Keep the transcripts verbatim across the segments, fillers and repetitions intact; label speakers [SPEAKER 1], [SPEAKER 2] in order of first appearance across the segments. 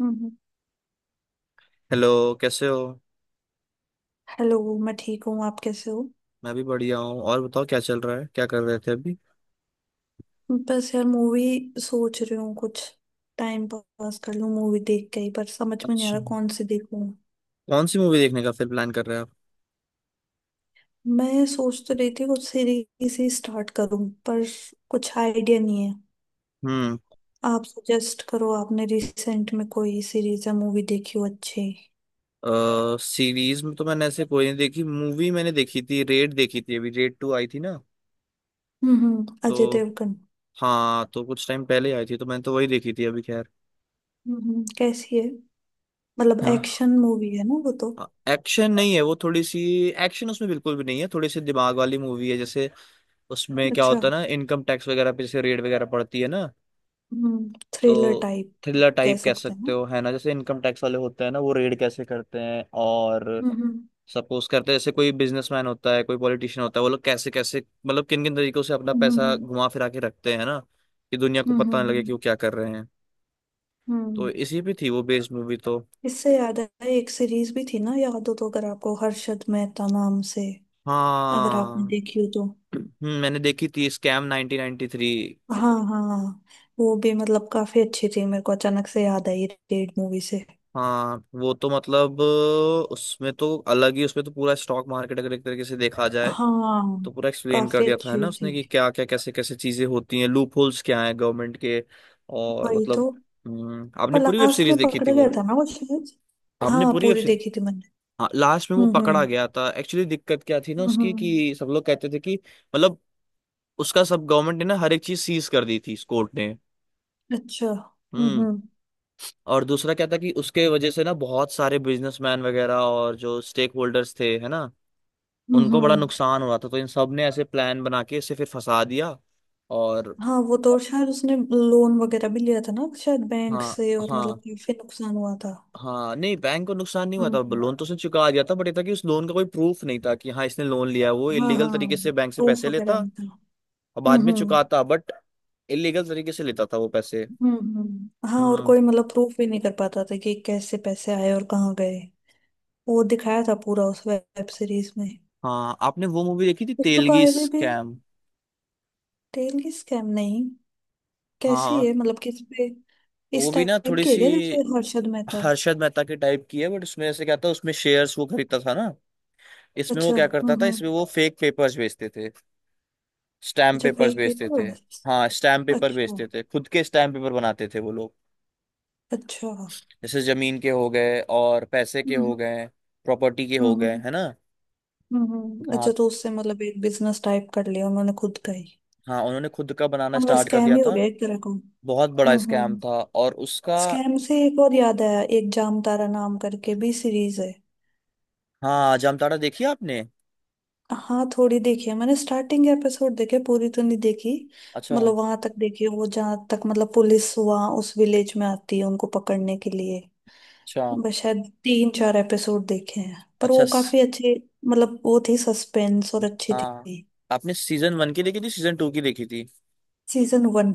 [SPEAKER 1] हम्म।
[SPEAKER 2] Hello, कैसे हो?
[SPEAKER 1] Hello, मैं ठीक हूँ। आप कैसे हो?
[SPEAKER 2] मैं भी बढ़िया हूँ। और बताओ, क्या चल रहा है? क्या कर रहे थे अभी?
[SPEAKER 1] बस यार, मूवी सोच रही हूँ कुछ टाइम पास कर लूँ मूवी देख के ही। पर समझ में नहीं आ
[SPEAKER 2] अच्छा।
[SPEAKER 1] रहा कौन सी देखूँ।
[SPEAKER 2] कौन सी मूवी देखने का फिर प्लान कर रहे हैं आप?
[SPEAKER 1] मैं सोच तो रही थी कुछ सीरीज ही स्टार्ट करूँ, पर कुछ आइडिया नहीं है।
[SPEAKER 2] हम्म।
[SPEAKER 1] आप सजेस्ट करो, आपने रिसेंट में कोई सीरीज या मूवी देखी हो अच्छी।
[SPEAKER 2] सीरीज में तो मैंने ऐसे कोई नहीं देखी। मूवी मैंने देखी थी, रेड देखी थी। अभी रेड टू आई थी ना।
[SPEAKER 1] हम्म, हम्म,
[SPEAKER 2] तो
[SPEAKER 1] अजय देवगन।
[SPEAKER 2] हाँ, तो कुछ टाइम पहले आई थी तो मैंने तो वही देखी थी अभी। खैर।
[SPEAKER 1] हम्म कैसी है? मतलब
[SPEAKER 2] हाँ।
[SPEAKER 1] एक्शन मूवी है ना वो तो?
[SPEAKER 2] एक्शन नहीं है वो, थोड़ी सी। एक्शन उसमें बिल्कुल भी नहीं है, थोड़ी सी दिमाग वाली मूवी है जैसे। उसमें क्या
[SPEAKER 1] अच्छा।
[SPEAKER 2] होता है ना, इनकम टैक्स वगैरह पे जैसे रेड वगैरह पड़ती है ना।
[SPEAKER 1] हम्म थ्रिलर
[SPEAKER 2] तो
[SPEAKER 1] टाइप
[SPEAKER 2] थ्रिलर
[SPEAKER 1] कह
[SPEAKER 2] टाइप कह
[SPEAKER 1] सकते हैं
[SPEAKER 2] सकते
[SPEAKER 1] ना।
[SPEAKER 2] हो, है ना। जैसे इनकम टैक्स वाले होते हैं ना, वो रेड कैसे करते हैं। और
[SPEAKER 1] हम्म, हम्म,
[SPEAKER 2] सपोज करते हैं जैसे कोई बिजनेसमैन होता है, कोई पॉलिटिशियन होता है, वो लोग कैसे कैसे, मतलब किन किन तरीकों से अपना
[SPEAKER 1] हम्म,
[SPEAKER 2] पैसा
[SPEAKER 1] हम्म।
[SPEAKER 2] घुमा फिरा के रखते हैं ना, कि दुनिया को
[SPEAKER 1] हम्म,
[SPEAKER 2] पता ना
[SPEAKER 1] हम्म,
[SPEAKER 2] लगे
[SPEAKER 1] हम्म,
[SPEAKER 2] कि वो क्या कर रहे हैं। तो
[SPEAKER 1] हम्म।
[SPEAKER 2] इसी पे थी वो बेस्ड मूवी तो।
[SPEAKER 1] इससे याद आया, एक सीरीज भी थी ना, याद हो तो अगर आपको, हर्षद मेहता नाम से, अगर आपने
[SPEAKER 2] हाँ।
[SPEAKER 1] देखी हो तो।
[SPEAKER 2] हम्म, मैंने देखी थी स्कैम नाइन्टीन नाइन्टी थ्री।
[SPEAKER 1] हाँ, हाँ। वो भी मतलब काफी अच्छी थी, मेरे को अचानक से याद आई, रेड मूवी से।
[SPEAKER 2] हाँ, वो तो मतलब उसमें तो अलग ही, उसमें तो पूरा स्टॉक मार्केट अगर एक तरीके से देखा जाए
[SPEAKER 1] हाँ,
[SPEAKER 2] तो पूरा एक्सप्लेन कर
[SPEAKER 1] काफी
[SPEAKER 2] दिया था, है
[SPEAKER 1] अच्छी
[SPEAKER 2] ना, उसने
[SPEAKER 1] थी।
[SPEAKER 2] कि क्या क्या कैसे कैसे चीजें होती हैं, लूप होल्स क्या हैं गवर्नमेंट के। और
[SPEAKER 1] वही तो।
[SPEAKER 2] मतलब। हम्म, आपने
[SPEAKER 1] पर
[SPEAKER 2] पूरी वेब
[SPEAKER 1] लास्ट में
[SPEAKER 2] सीरीज देखी थी
[SPEAKER 1] पकड़ा गया
[SPEAKER 2] वो?
[SPEAKER 1] था ना वो शायद।
[SPEAKER 2] आपने
[SPEAKER 1] हाँ,
[SPEAKER 2] पूरी वेब
[SPEAKER 1] पूरी
[SPEAKER 2] सीरीज?
[SPEAKER 1] देखी थी मैंने।
[SPEAKER 2] हाँ, लास्ट में वो
[SPEAKER 1] हम्म,
[SPEAKER 2] पकड़ा
[SPEAKER 1] हम्म,
[SPEAKER 2] गया था एक्चुअली। दिक्कत क्या थी ना
[SPEAKER 1] हम्म,
[SPEAKER 2] उसकी,
[SPEAKER 1] हम्म।
[SPEAKER 2] कि सब लोग कहते थे कि मतलब उसका सब गवर्नमेंट ने ना हर एक चीज सीज कर दी थी, इस कोर्ट ने।
[SPEAKER 1] अच्छा। हम्म,
[SPEAKER 2] हम्म।
[SPEAKER 1] हम्म,
[SPEAKER 2] और दूसरा क्या था, कि उसके वजह से ना बहुत सारे बिजनेसमैन वगैरह और जो स्टेक होल्डर्स थे, है ना,
[SPEAKER 1] हम्म,
[SPEAKER 2] उनको बड़ा
[SPEAKER 1] हम्म।
[SPEAKER 2] नुकसान हो रहा था, तो इन सब ने ऐसे प्लान बना के इसे फिर फंसा दिया। और
[SPEAKER 1] हाँ, वो तो शायद उसने लोन वगैरह भी लिया था ना शायद बैंक
[SPEAKER 2] हाँ।
[SPEAKER 1] से, और
[SPEAKER 2] हाँ।
[SPEAKER 1] मतलब काफी नुकसान हुआ था।
[SPEAKER 2] हाँ, नहीं, बैंक को नुकसान नहीं हुआ था।
[SPEAKER 1] हम्म।
[SPEAKER 2] लोन तो उसने चुका दिया था, बट ये था कि उस लोन का कोई प्रूफ नहीं था कि हाँ, इसने लोन लिया है। वो
[SPEAKER 1] हाँ,
[SPEAKER 2] इलीगल तरीके
[SPEAKER 1] हाँ,
[SPEAKER 2] से बैंक से
[SPEAKER 1] प्रूफ
[SPEAKER 2] पैसे
[SPEAKER 1] वगैरह
[SPEAKER 2] लेता
[SPEAKER 1] नहीं था।
[SPEAKER 2] और
[SPEAKER 1] हम्म,
[SPEAKER 2] बाद में
[SPEAKER 1] हम्म,
[SPEAKER 2] चुकाता, बट इलीगल तरीके से लेता था वो पैसे।
[SPEAKER 1] हम्म, हम्म। हाँ, और
[SPEAKER 2] हम्म।
[SPEAKER 1] कोई मतलब प्रूफ भी नहीं कर पाता था कि कैसे पैसे आए और कहाँ गए। वो दिखाया था पूरा उस वेब सीरीज में।
[SPEAKER 2] हाँ, आपने वो मूवी देखी थी
[SPEAKER 1] उसको तो
[SPEAKER 2] तेलगी
[SPEAKER 1] आईवी भी।
[SPEAKER 2] स्कैम?
[SPEAKER 1] टेल की स्कैम नहीं? कैसी
[SPEAKER 2] हाँ,
[SPEAKER 1] है मतलब, किस पे?
[SPEAKER 2] वो
[SPEAKER 1] इस
[SPEAKER 2] भी ना
[SPEAKER 1] टाइप
[SPEAKER 2] थोड़ी
[SPEAKER 1] की है
[SPEAKER 2] सी
[SPEAKER 1] क्या, जैसे हर्षद मेहता?
[SPEAKER 2] हर्षद मेहता के टाइप की है। बट उसमें ऐसे क्या था, उसमें शेयर्स वो खरीदता था ना। इसमें वो
[SPEAKER 1] अच्छा।
[SPEAKER 2] क्या
[SPEAKER 1] हम्म,
[SPEAKER 2] करता था,
[SPEAKER 1] हम्म।
[SPEAKER 2] इसमें वो फेक पेपर्स बेचते थे, स्टैम्प
[SPEAKER 1] अच्छा,
[SPEAKER 2] पेपर्स
[SPEAKER 1] फेक
[SPEAKER 2] बेचते थे।
[SPEAKER 1] पेपर। अच्छा।
[SPEAKER 2] हाँ, स्टैम्प पेपर बेचते थे, खुद के स्टैम्प पेपर बनाते थे वो लोग।
[SPEAKER 1] अच्छा। हम्म।
[SPEAKER 2] जैसे जमीन के हो गए और पैसे के हो
[SPEAKER 1] हम्म,
[SPEAKER 2] गए, प्रॉपर्टी के
[SPEAKER 1] हम्म,
[SPEAKER 2] हो गए,
[SPEAKER 1] हम्म।
[SPEAKER 2] है ना।
[SPEAKER 1] हम्म।
[SPEAKER 2] हाँ,
[SPEAKER 1] अच्छा, तो उससे मतलब एक बिजनेस टाइप कर लिया उन्होंने खुद का ही।
[SPEAKER 2] हाँ, उन्होंने खुद का बनाना
[SPEAKER 1] मतलब
[SPEAKER 2] स्टार्ट कर
[SPEAKER 1] स्कैम
[SPEAKER 2] दिया
[SPEAKER 1] ही हो
[SPEAKER 2] था।
[SPEAKER 1] गया एक तरह का। हम्म,
[SPEAKER 2] बहुत बड़ा स्कैम
[SPEAKER 1] हम्म।
[SPEAKER 2] था। और उसका
[SPEAKER 1] स्कैम से एक और याद आया, एक जामतारा नाम करके भी सीरीज है।
[SPEAKER 2] हाँ, जामताड़ा देखी आपने?
[SPEAKER 1] हाँ, थोड़ी देखी है मैंने, स्टार्टिंग एपिसोड देखे, पूरी तो नहीं देखी।
[SPEAKER 2] अच्छा।
[SPEAKER 1] मतलब वहां तक देखी है, वो जहाँ तक मतलब पुलिस वहां उस विलेज में आती है उनको पकड़ने के लिए।
[SPEAKER 2] अच्छा।
[SPEAKER 1] बस शायद तीन चार एपिसोड देखे हैं पर
[SPEAKER 2] अच्छा।
[SPEAKER 1] वो
[SPEAKER 2] स-
[SPEAKER 1] काफी अच्छे। मतलब वो थी सस्पेंस और अच्छी
[SPEAKER 2] हाँ,
[SPEAKER 1] थी।
[SPEAKER 2] आपने सीजन वन की देखी थी, सीजन टू की देखी थी?
[SPEAKER 1] Season one.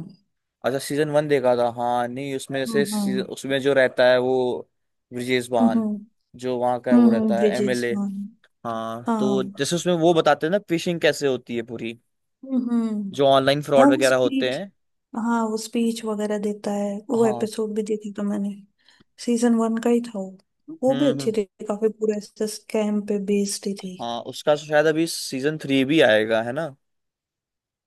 [SPEAKER 2] अच्छा, सीजन वन देखा था। हाँ, नहीं, उसमें जैसे
[SPEAKER 1] हम्म,
[SPEAKER 2] सी-
[SPEAKER 1] हम्म,
[SPEAKER 2] उसमें जो रहता है वो ब्रिजेश
[SPEAKER 1] हम्म।
[SPEAKER 2] बान,
[SPEAKER 1] हम्म,
[SPEAKER 2] जो वहाँ का वो
[SPEAKER 1] हम्म,
[SPEAKER 2] रहता है,
[SPEAKER 1] ब्रिजेश
[SPEAKER 2] एमएलए।
[SPEAKER 1] वन।
[SPEAKER 2] हाँ,
[SPEAKER 1] हाँ।
[SPEAKER 2] तो जैसे उसमें वो बताते हैं ना फिशिंग कैसे होती है पूरी,
[SPEAKER 1] हम्म, हम्म।
[SPEAKER 2] जो ऑनलाइन
[SPEAKER 1] हाँ
[SPEAKER 2] फ्रॉड
[SPEAKER 1] वो
[SPEAKER 2] वगैरह होते
[SPEAKER 1] स्पीच
[SPEAKER 2] हैं।
[SPEAKER 1] हाँ, वो स्पीच वगैरह देता है, वो
[SPEAKER 2] हाँ।
[SPEAKER 1] एपिसोड भी देखा था मैंने। सीजन वन का ही था वो। वो भी
[SPEAKER 2] हम्म,
[SPEAKER 1] अच्छी
[SPEAKER 2] हम्म।
[SPEAKER 1] थी काफी, पूरा ऐसे स्कैम पे बेस्ड ही थी।
[SPEAKER 2] हाँ, उसका शायद अभी सीजन थ्री भी आएगा, है ना।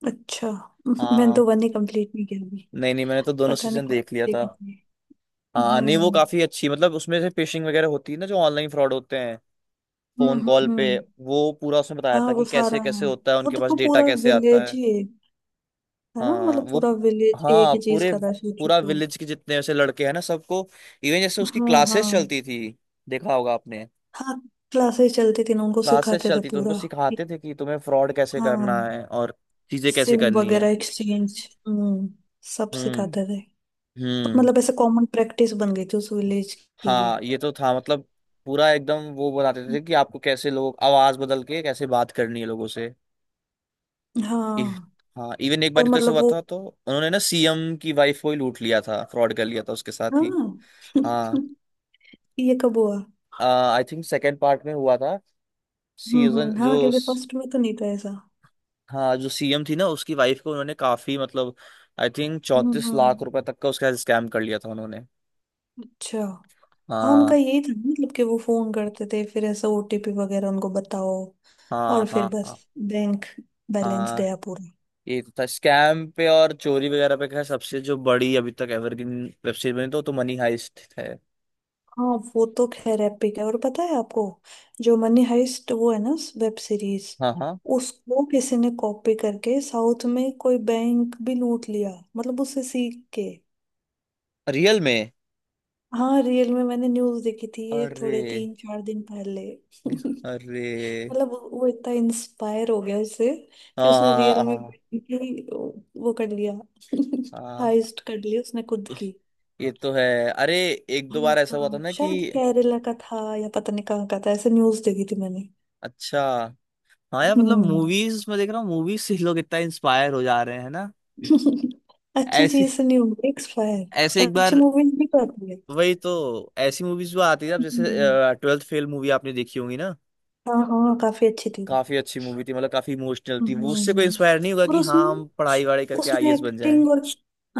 [SPEAKER 1] अच्छा। मैंने
[SPEAKER 2] हाँ।
[SPEAKER 1] तो वन ही कंप्लीट नहीं किया अभी।
[SPEAKER 2] नहीं, नहीं, मैंने तो दोनों
[SPEAKER 1] पता नहीं
[SPEAKER 2] सीजन
[SPEAKER 1] कब
[SPEAKER 2] देख लिया था।
[SPEAKER 1] देखी थी।
[SPEAKER 2] हाँ, नहीं, वो
[SPEAKER 1] हम्म,
[SPEAKER 2] काफी अच्छी मतलब, उसमें से फिशिंग वगैरह होती है ना, जो ऑनलाइन फ्रॉड होते हैं
[SPEAKER 1] हम्म,
[SPEAKER 2] फोन कॉल
[SPEAKER 1] हम्म,
[SPEAKER 2] पे।
[SPEAKER 1] हम्म।
[SPEAKER 2] वो पूरा उसमें बताया
[SPEAKER 1] हाँ,
[SPEAKER 2] था
[SPEAKER 1] वो
[SPEAKER 2] कि
[SPEAKER 1] सारा,
[SPEAKER 2] कैसे कैसे होता है,
[SPEAKER 1] वो
[SPEAKER 2] उनके पास
[SPEAKER 1] देखो,
[SPEAKER 2] डेटा
[SPEAKER 1] पूरा
[SPEAKER 2] कैसे आता
[SPEAKER 1] विलेज
[SPEAKER 2] है।
[SPEAKER 1] ही है। है ना,
[SPEAKER 2] हाँ,
[SPEAKER 1] मतलब
[SPEAKER 2] वो
[SPEAKER 1] पूरा विलेज एक
[SPEAKER 2] हाँ,
[SPEAKER 1] ही चीज
[SPEAKER 2] पूरे
[SPEAKER 1] कर रहा है
[SPEAKER 2] पूरा
[SPEAKER 1] सोचो।
[SPEAKER 2] विलेज के जितने वैसे लड़के हैं ना सबको, इवन जैसे उसकी
[SPEAKER 1] हाँ, हाँ।
[SPEAKER 2] क्लासेस चलती थी, देखा होगा आपने।
[SPEAKER 1] हाँ, क्लासेस चलती थी ना, उनको
[SPEAKER 2] क्लासेस
[SPEAKER 1] सिखाते थे
[SPEAKER 2] चलती तो उनको
[SPEAKER 1] पूरा।
[SPEAKER 2] सिखाते थे कि तुम्हें फ्रॉड कैसे करना
[SPEAKER 1] हाँ,
[SPEAKER 2] है और चीजें कैसे
[SPEAKER 1] सिम
[SPEAKER 2] करनी है।
[SPEAKER 1] वगैरह एक्सचेंज। हम्म सब
[SPEAKER 2] हम्म।
[SPEAKER 1] सिखाते थे।
[SPEAKER 2] हम्म।
[SPEAKER 1] मतलब ऐसे कॉमन प्रैक्टिस बन गई थी उस विलेज की ये।
[SPEAKER 2] हाँ, ये तो था, मतलब पूरा एकदम वो बताते थे कि आपको कैसे लोग आवाज बदल के कैसे बात करनी है लोगों से। इ,
[SPEAKER 1] हाँ,
[SPEAKER 2] हाँ, इवन एक
[SPEAKER 1] और
[SPEAKER 2] बार तो ऐसा
[SPEAKER 1] मतलब
[SPEAKER 2] हुआ
[SPEAKER 1] वो,
[SPEAKER 2] था, तो उन्होंने ना सीएम की वाइफ को ही लूट लिया था, फ्रॉड कर लिया था उसके साथ ही।
[SPEAKER 1] हाँ।
[SPEAKER 2] हाँ।
[SPEAKER 1] ये कब हुआ?
[SPEAKER 2] आई थिंक सेकेंड पार्ट में हुआ था।
[SPEAKER 1] हम्म,
[SPEAKER 2] सीजन
[SPEAKER 1] हम्म। हाँ,
[SPEAKER 2] जो
[SPEAKER 1] क्योंकि
[SPEAKER 2] स-
[SPEAKER 1] फर्स्ट में तो नहीं था ऐसा।
[SPEAKER 2] हाँ, जो सीएम थी ना, उसकी वाइफ को उन्होंने काफी, मतलब आई थिंक
[SPEAKER 1] हम्म,
[SPEAKER 2] चौंतीस
[SPEAKER 1] हम्म।
[SPEAKER 2] लाख रुपए तक का उसका स्कैम कर लिया था उन्होंने।
[SPEAKER 1] अच्छा। हाँ, उनका
[SPEAKER 2] हाँ।
[SPEAKER 1] यही था ना, मतलब कि वो फोन करते थे फिर ऐसा ओटीपी वगैरह उनको बताओ।
[SPEAKER 2] हाँ,
[SPEAKER 1] और फिर
[SPEAKER 2] हाँ,
[SPEAKER 1] बस,
[SPEAKER 2] हाँ,
[SPEAKER 1] बैंक बैलेंस
[SPEAKER 2] हाँ,
[SPEAKER 1] गया पूरा।
[SPEAKER 2] ये तो था स्कैम पे और चोरी वगैरह पे। क्या सबसे जो बड़ी अभी तक एवरग्रीन वेब सीरीज बनी, तो, तो मनी हाइस्ट है।
[SPEAKER 1] हाँ, वो तो खैर एपिक है। और पता है आपको, जो मनी हाइस्ट वो है ना, वेब सीरीज।
[SPEAKER 2] हाँ। हाँ,
[SPEAKER 1] उसको किसी ने कॉपी करके साउथ में कोई बैंक भी लूट लिया, मतलब उससे सीख के।
[SPEAKER 2] रियल में?
[SPEAKER 1] हाँ, रियल में। मैंने न्यूज देखी थी ये
[SPEAKER 2] अरे।
[SPEAKER 1] थोड़े तीन चार दिन पहले।
[SPEAKER 2] अरे।
[SPEAKER 1] मतलब वो वो इतना इंस्पायर हो गया उससे
[SPEAKER 2] हाँ,
[SPEAKER 1] कि उसने
[SPEAKER 2] हाँ,
[SPEAKER 1] रियल
[SPEAKER 2] हाँ,
[SPEAKER 1] में
[SPEAKER 2] हाँ,
[SPEAKER 1] ही वो कर लिया।
[SPEAKER 2] हाँ, हाँ।
[SPEAKER 1] हाइस्ट कर लिया उसने खुद की।
[SPEAKER 2] ये तो है। अरे, एक दो
[SPEAKER 1] हाँ,
[SPEAKER 2] बार ऐसा हुआ था
[SPEAKER 1] हाँ,
[SPEAKER 2] ना कि
[SPEAKER 1] शायद केरला का था या पता नहीं कहाँ का था, ऐसे न्यूज देखी थी मैंने।
[SPEAKER 2] अच्छा हाँ यार, मतलब
[SPEAKER 1] हम्म।
[SPEAKER 2] मूवीज में देख रहा हूँ, मूवीज से लोग इतना इंस्पायर हो जा रहे हैं ना।
[SPEAKER 1] अच्छी चीज
[SPEAKER 2] ऐसी
[SPEAKER 1] से नहीं होगी
[SPEAKER 2] ऐसे
[SPEAKER 1] एक्सपायर?
[SPEAKER 2] एक
[SPEAKER 1] अच्छी
[SPEAKER 2] बार,
[SPEAKER 1] मूवीज भी तो आती है।
[SPEAKER 2] वही तो, ऐसी मूवीज भी आती है अब जैसे
[SPEAKER 1] हम्म।
[SPEAKER 2] ट्वेल्थ फेल मूवी आपने देखी होगी ना।
[SPEAKER 1] हाँ, हाँ, काफी अच्छी थी।
[SPEAKER 2] काफी अच्छी मूवी थी, मतलब काफी इमोशनल थी वो। उससे कोई
[SPEAKER 1] हम्म।
[SPEAKER 2] इंस्पायर नहीं होगा
[SPEAKER 1] और
[SPEAKER 2] कि
[SPEAKER 1] उसमें
[SPEAKER 2] हाँ, हम पढ़ाई वढ़ाई करके
[SPEAKER 1] उसमें
[SPEAKER 2] आईएएस बन जाए।
[SPEAKER 1] एक्टिंग और,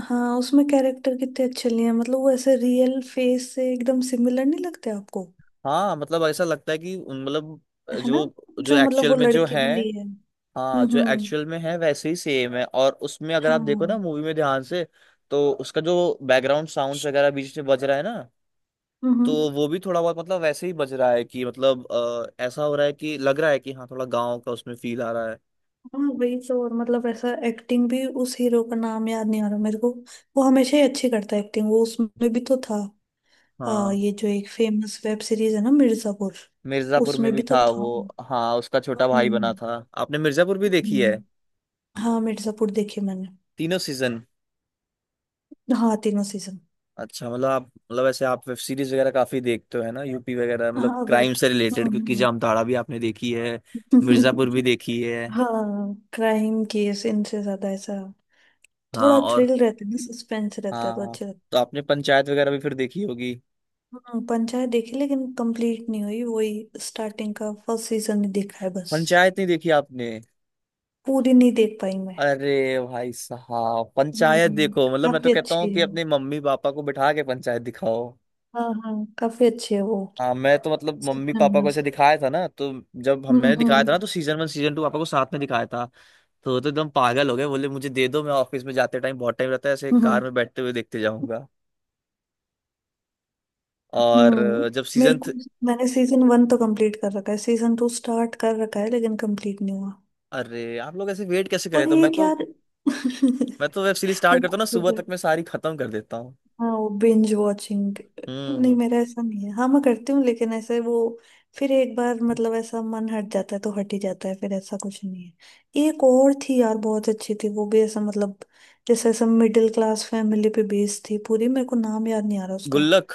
[SPEAKER 1] हाँ, उसमें कैरेक्टर कितने अच्छे लिए हैं, मतलब वो ऐसे रियल फेस से एकदम सिमिलर नहीं लगते आपको।
[SPEAKER 2] हाँ, मतलब ऐसा लगता है कि उन- मतलब
[SPEAKER 1] है ना?
[SPEAKER 2] जो जो
[SPEAKER 1] जो मतलब
[SPEAKER 2] एक्चुअल
[SPEAKER 1] वो
[SPEAKER 2] में जो
[SPEAKER 1] लड़की
[SPEAKER 2] है,
[SPEAKER 1] भी ली है। हम्म,
[SPEAKER 2] हाँ, जो
[SPEAKER 1] हम्म,
[SPEAKER 2] एक्चुअल में है वैसे ही सेम है। और उसमें अगर आप देखो ना
[SPEAKER 1] हाँ,
[SPEAKER 2] मूवी में ध्यान से, तो उसका जो बैकग्राउंड साउंड्स वगैरह बीच में बज रहा है ना,
[SPEAKER 1] हम्म।
[SPEAKER 2] तो वो भी थोड़ा बहुत मतलब वैसे ही बज रहा है कि, मतलब अ, ऐसा हो रहा है कि लग रहा है कि हाँ, थोड़ा गाँव का उसमें फील आ रहा है।
[SPEAKER 1] हाँ, वही तो और मतलब ऐसा एक्टिंग भी, उस हीरो का नाम याद नहीं आ रहा मेरे को। वो हमेशा ही अच्छी करता है एक्टिंग, वो उसमें भी तो था। आ,
[SPEAKER 2] हाँ,
[SPEAKER 1] ये जो एक फेमस वेब सीरीज है ना, मिर्जापुर।
[SPEAKER 2] मिर्जापुर में
[SPEAKER 1] उसमें
[SPEAKER 2] भी
[SPEAKER 1] भी तो
[SPEAKER 2] था वो।
[SPEAKER 1] था।
[SPEAKER 2] हाँ, उसका छोटा भाई बना
[SPEAKER 1] हम्म,
[SPEAKER 2] था। आपने मिर्जापुर भी देखी है?
[SPEAKER 1] हम्म। हाँ, मिर्जापुर देखे मैंने।
[SPEAKER 2] तीनों सीजन?
[SPEAKER 1] हाँ, तीनों सीजन।
[SPEAKER 2] अच्छा, मतलब आप, मतलब ऐसे आप वेब सीरीज वगैरह काफी देखते हो, है ना, यूपी वगैरह, मतलब
[SPEAKER 1] हाँ,
[SPEAKER 2] क्राइम
[SPEAKER 1] वेब।
[SPEAKER 2] से रिलेटेड, क्योंकि
[SPEAKER 1] हम्म।
[SPEAKER 2] जामताड़ा भी आपने देखी है, मिर्जापुर भी देखी है।
[SPEAKER 1] हाँ, क्राइम केस इनसे ज्यादा ऐसा,
[SPEAKER 2] हाँ,
[SPEAKER 1] थोड़ा
[SPEAKER 2] और
[SPEAKER 1] थ्रिल रहता है ना, सस्पेंस रहता है
[SPEAKER 2] हाँ,
[SPEAKER 1] तो
[SPEAKER 2] हाँ।
[SPEAKER 1] अच्छा लगता
[SPEAKER 2] तो आपने पंचायत वगैरह भी फिर देखी होगी।
[SPEAKER 1] है। हम्म, पंचायत देखी लेकिन कंप्लीट नहीं हुई, वही स्टार्टिंग का फर्स्ट सीजन ही देखा है बस।
[SPEAKER 2] पंचायत नहीं देखी आपने?
[SPEAKER 1] पूरी नहीं देख पाई मैं।
[SPEAKER 2] अरे भाई साहब, पंचायत
[SPEAKER 1] हम्म।
[SPEAKER 2] देखो, मतलब मैं तो
[SPEAKER 1] काफी
[SPEAKER 2] कहता
[SPEAKER 1] अच्छी
[SPEAKER 2] हूँ कि
[SPEAKER 1] है।
[SPEAKER 2] अपने मम्मी पापा को बिठा के पंचायत दिखाओ।
[SPEAKER 1] हाँ, हाँ, काफी अच्छी है वो।
[SPEAKER 2] हाँ, मैं तो मतलब मम्मी
[SPEAKER 1] सपना।
[SPEAKER 2] पापा को ऐसे दिखाया था ना, तो जब हम
[SPEAKER 1] हम्म,
[SPEAKER 2] मैंने दिखाया था ना,
[SPEAKER 1] हम्म,
[SPEAKER 2] तो सीजन वन, सीजन टू पापा को साथ में दिखाया था। तो वो तो एकदम पागल हो गए, बोले मुझे दे दो, मैं ऑफिस में जाते टाइम बहुत टाइम रहता है, ऐसे
[SPEAKER 1] हम्म,
[SPEAKER 2] कार में बैठते हुए देखते जाऊंगा। और
[SPEAKER 1] हम्म।
[SPEAKER 2] अ, जब
[SPEAKER 1] मेरे
[SPEAKER 2] सीजन थ...
[SPEAKER 1] को, मैंने सीजन वन तो कंप्लीट कर रखा है, सीजन टू स्टार्ट कर रखा है लेकिन कंप्लीट नहीं हुआ।
[SPEAKER 2] अरे आप लोग ऐसे वेट कैसे करें?
[SPEAKER 1] और
[SPEAKER 2] तो, मैं
[SPEAKER 1] एक
[SPEAKER 2] तो
[SPEAKER 1] यार,
[SPEAKER 2] मैं तो वेब सीरीज
[SPEAKER 1] वो,
[SPEAKER 2] स्टार्ट करता हूँ ना, सुबह तक मैं सारी खत्म कर देता हूँ।
[SPEAKER 1] हाँ, वो बिंज वॉचिंग। नहीं,
[SPEAKER 2] हम्म।
[SPEAKER 1] मेरा ऐसा नहीं है। हाँ, मैं करती हूँ लेकिन ऐसे वो, फिर एक बार मतलब ऐसा मन हट जाता है तो हट ही जाता है फिर, ऐसा कुछ नहीं है। एक और थी यार बहुत अच्छी थी वो भी, ऐसा मतलब जैसे ऐसा मिडिल क्लास फैमिली पे बेस्ड थी पूरी, मेरे को नाम याद नहीं आ रहा उसका।
[SPEAKER 2] गुल्लक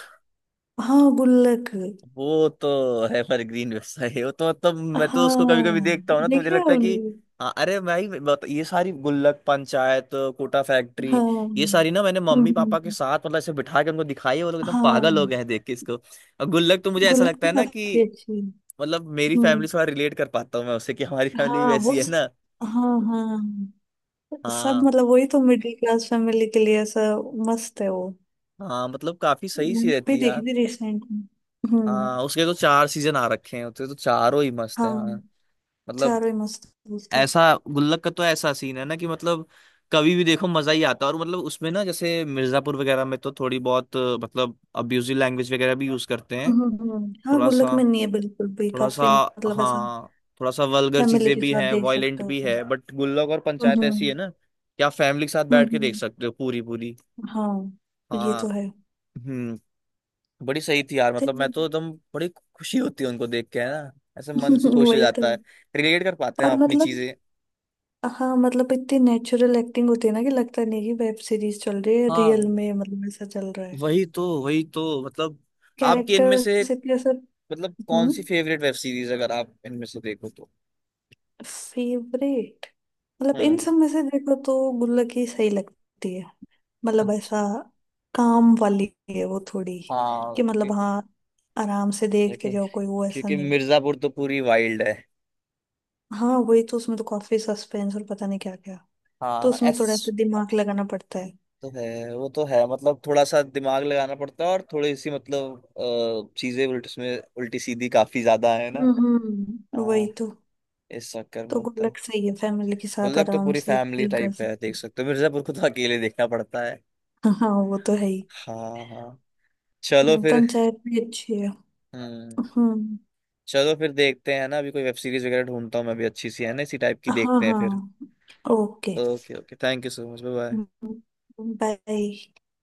[SPEAKER 1] हाँ, गुल्लक।
[SPEAKER 2] वो तो है, पर ग्रीन वेबसाइट है वो तो, मतलब मैं तो उसको कभी कभी
[SPEAKER 1] हाँ,
[SPEAKER 2] देखता हूँ ना, तो मुझे
[SPEAKER 1] देखिए
[SPEAKER 2] लगता है कि
[SPEAKER 1] आपने।
[SPEAKER 2] हाँ, अरे भाई बता, ये सारी गुल्लक, पंचायत, कोटा फैक्ट्री,
[SPEAKER 1] हाँ।
[SPEAKER 2] ये
[SPEAKER 1] हम्म,
[SPEAKER 2] सारी ना मैंने मम्मी
[SPEAKER 1] हम्म,
[SPEAKER 2] पापा के
[SPEAKER 1] हम्म।
[SPEAKER 2] साथ मतलब ऐसे बिठा के उनको दिखाई है, वो लोग एकदम पागल हो गए
[SPEAKER 1] हाँ,
[SPEAKER 2] हैं देख के इसको। और गुल्लक तो मुझे ऐसा
[SPEAKER 1] गुल्लक
[SPEAKER 2] लगता
[SPEAKER 1] भी
[SPEAKER 2] है ना कि,
[SPEAKER 1] काफी अच्छी है।
[SPEAKER 2] मतलब मेरी फैमिली
[SPEAKER 1] हम्म।
[SPEAKER 2] से थोड़ा रिलेट कर पाता हूँ मैं उससे, कि हमारी फैमिली भी
[SPEAKER 1] हाँ, वो
[SPEAKER 2] वैसी है
[SPEAKER 1] स-
[SPEAKER 2] ना।
[SPEAKER 1] हाँ, हाँ, सब
[SPEAKER 2] हाँ,
[SPEAKER 1] मतलब वही तो, मिडिल क्लास फैमिली के लिए ऐसा मस्त है वो।
[SPEAKER 2] हाँ, मतलब काफी सही सी
[SPEAKER 1] मैंने
[SPEAKER 2] रहती
[SPEAKER 1] भी
[SPEAKER 2] है
[SPEAKER 1] देखी
[SPEAKER 2] यार।
[SPEAKER 1] थी रिसेंट में। हम्म।
[SPEAKER 2] हाँ, उसके तो चार सीजन आ रखे हैं, उसके तो चारों ही मस्त है यार।
[SPEAKER 1] हाँ,
[SPEAKER 2] मतलब
[SPEAKER 1] चारों ही मस्त है उसकी।
[SPEAKER 2] ऐसा गुल्लक का तो ऐसा सीन है ना कि, मतलब कभी भी देखो मजा ही आता है। और मतलब उसमें ना, जैसे मिर्जापुर वगैरह में तो थोड़ी बहुत अ, मतलब अब्यूजिव लैंग्वेज वगैरह भी यूज करते हैं,
[SPEAKER 1] हम्म, हम्म, हम्म। हाँ,
[SPEAKER 2] थोड़ा
[SPEAKER 1] गुल्लक
[SPEAKER 2] सा,
[SPEAKER 1] में नहीं है बिल्कुल भी,
[SPEAKER 2] थोड़ा सा।
[SPEAKER 1] काफी मतलब ऐसा
[SPEAKER 2] हाँ, थोड़ा सा वल्गर
[SPEAKER 1] फैमिली
[SPEAKER 2] चीजें
[SPEAKER 1] के
[SPEAKER 2] भी
[SPEAKER 1] साथ
[SPEAKER 2] हैं,
[SPEAKER 1] देख
[SPEAKER 2] वायलेंट
[SPEAKER 1] सकते
[SPEAKER 2] भी
[SPEAKER 1] हो।
[SPEAKER 2] है। बट गुल्लक और
[SPEAKER 1] हम्म,
[SPEAKER 2] पंचायत ऐसी
[SPEAKER 1] हम्म,
[SPEAKER 2] है ना कि आप फैमिली के साथ
[SPEAKER 1] हम्म,
[SPEAKER 2] बैठ के देख
[SPEAKER 1] हम्म।
[SPEAKER 2] सकते हो पूरी पूरी।
[SPEAKER 1] हाँ, ये
[SPEAKER 2] हाँ।
[SPEAKER 1] तो
[SPEAKER 2] हम्म। बड़ी सही थी यार,
[SPEAKER 1] है।
[SPEAKER 2] मतलब मैं तो एकदम, बड़ी खुशी होती है उनको देख के, है ना। ऐसे मन से खुश हो
[SPEAKER 1] वही तो
[SPEAKER 2] जाता है, रिलेट कर पाते हैं
[SPEAKER 1] और
[SPEAKER 2] हम अपनी
[SPEAKER 1] मतलब,
[SPEAKER 2] चीजें।
[SPEAKER 1] हाँ, मतलब इतनी नेचुरल एक्टिंग होती है ना कि लगता नहीं कि वेब सीरीज चल रही है, रियल
[SPEAKER 2] हाँ,
[SPEAKER 1] में मतलब ऐसा चल रहा है।
[SPEAKER 2] वही तो, वही तो मतलब आपकी इनमें से,
[SPEAKER 1] कैरेक्टर्स इतने सब।
[SPEAKER 2] मतलब कौन
[SPEAKER 1] हम्म।
[SPEAKER 2] सी फेवरेट वेब सीरीज अगर आप इनमें से देखो तो?
[SPEAKER 1] फेवरेट मतलब इन
[SPEAKER 2] हम्म।
[SPEAKER 1] सब में से देखो तो गुल्लक ही सही लगती है। मतलब
[SPEAKER 2] अच्छा।
[SPEAKER 1] ऐसा काम वाली है वो थोड़ी,
[SPEAKER 2] हाँ,
[SPEAKER 1] कि मतलब
[SPEAKER 2] क्यों-
[SPEAKER 1] हाँ, आराम से देखते
[SPEAKER 2] क्योंकि,
[SPEAKER 1] जाओ, कोई वो ऐसा
[SPEAKER 2] क्योंकि
[SPEAKER 1] नहीं है।
[SPEAKER 2] मिर्जापुर तो पूरी वाइल्ड है।
[SPEAKER 1] हाँ, वही तो, उसमें तो काफी सस्पेंस और पता नहीं क्या क्या। तो
[SPEAKER 2] हाँ,
[SPEAKER 1] उसमें थोड़ा
[SPEAKER 2] एस
[SPEAKER 1] सा दिमाग लगाना पड़ता है।
[SPEAKER 2] तो है, वो तो है, मतलब थोड़ा सा दिमाग लगाना पड़ता है और थोड़ी सी मतलब अ, चीजें उल्ट उसमें उल्टी सीधी काफी ज्यादा है ना।
[SPEAKER 1] हम्म, हम्म, वही
[SPEAKER 2] हाँ,
[SPEAKER 1] तो।
[SPEAKER 2] इस चक्कर में
[SPEAKER 1] तो
[SPEAKER 2] होता है।
[SPEAKER 1] गुल्लक सही है, फैमिली के साथ
[SPEAKER 2] गुल्लक तो
[SPEAKER 1] आराम
[SPEAKER 2] पूरी
[SPEAKER 1] से
[SPEAKER 2] फैमिली
[SPEAKER 1] चिल कर
[SPEAKER 2] टाइप है,
[SPEAKER 1] सकते
[SPEAKER 2] देख
[SPEAKER 1] हैं।
[SPEAKER 2] सकते हो। मिर्जापुर को तो अकेले देखना पड़ता है।
[SPEAKER 1] हाँ, हाँ, वो तो है ही।
[SPEAKER 2] हाँ, हाँ। चलो
[SPEAKER 1] हम्म,
[SPEAKER 2] फिर।
[SPEAKER 1] पंचायत भी अच्छी है।
[SPEAKER 2] हम्म।
[SPEAKER 1] हम्म।
[SPEAKER 2] चलो फिर देखते हैं ना, अभी कोई वेब सीरीज वगैरह ढूंढता हूँ मैं भी अच्छी सी, है ना, इसी टाइप की
[SPEAKER 1] हाँ,
[SPEAKER 2] देखते हैं फिर।
[SPEAKER 1] हाँ, okay.
[SPEAKER 2] Okay, okay, thank you so much, bye bye.
[SPEAKER 1] Bye.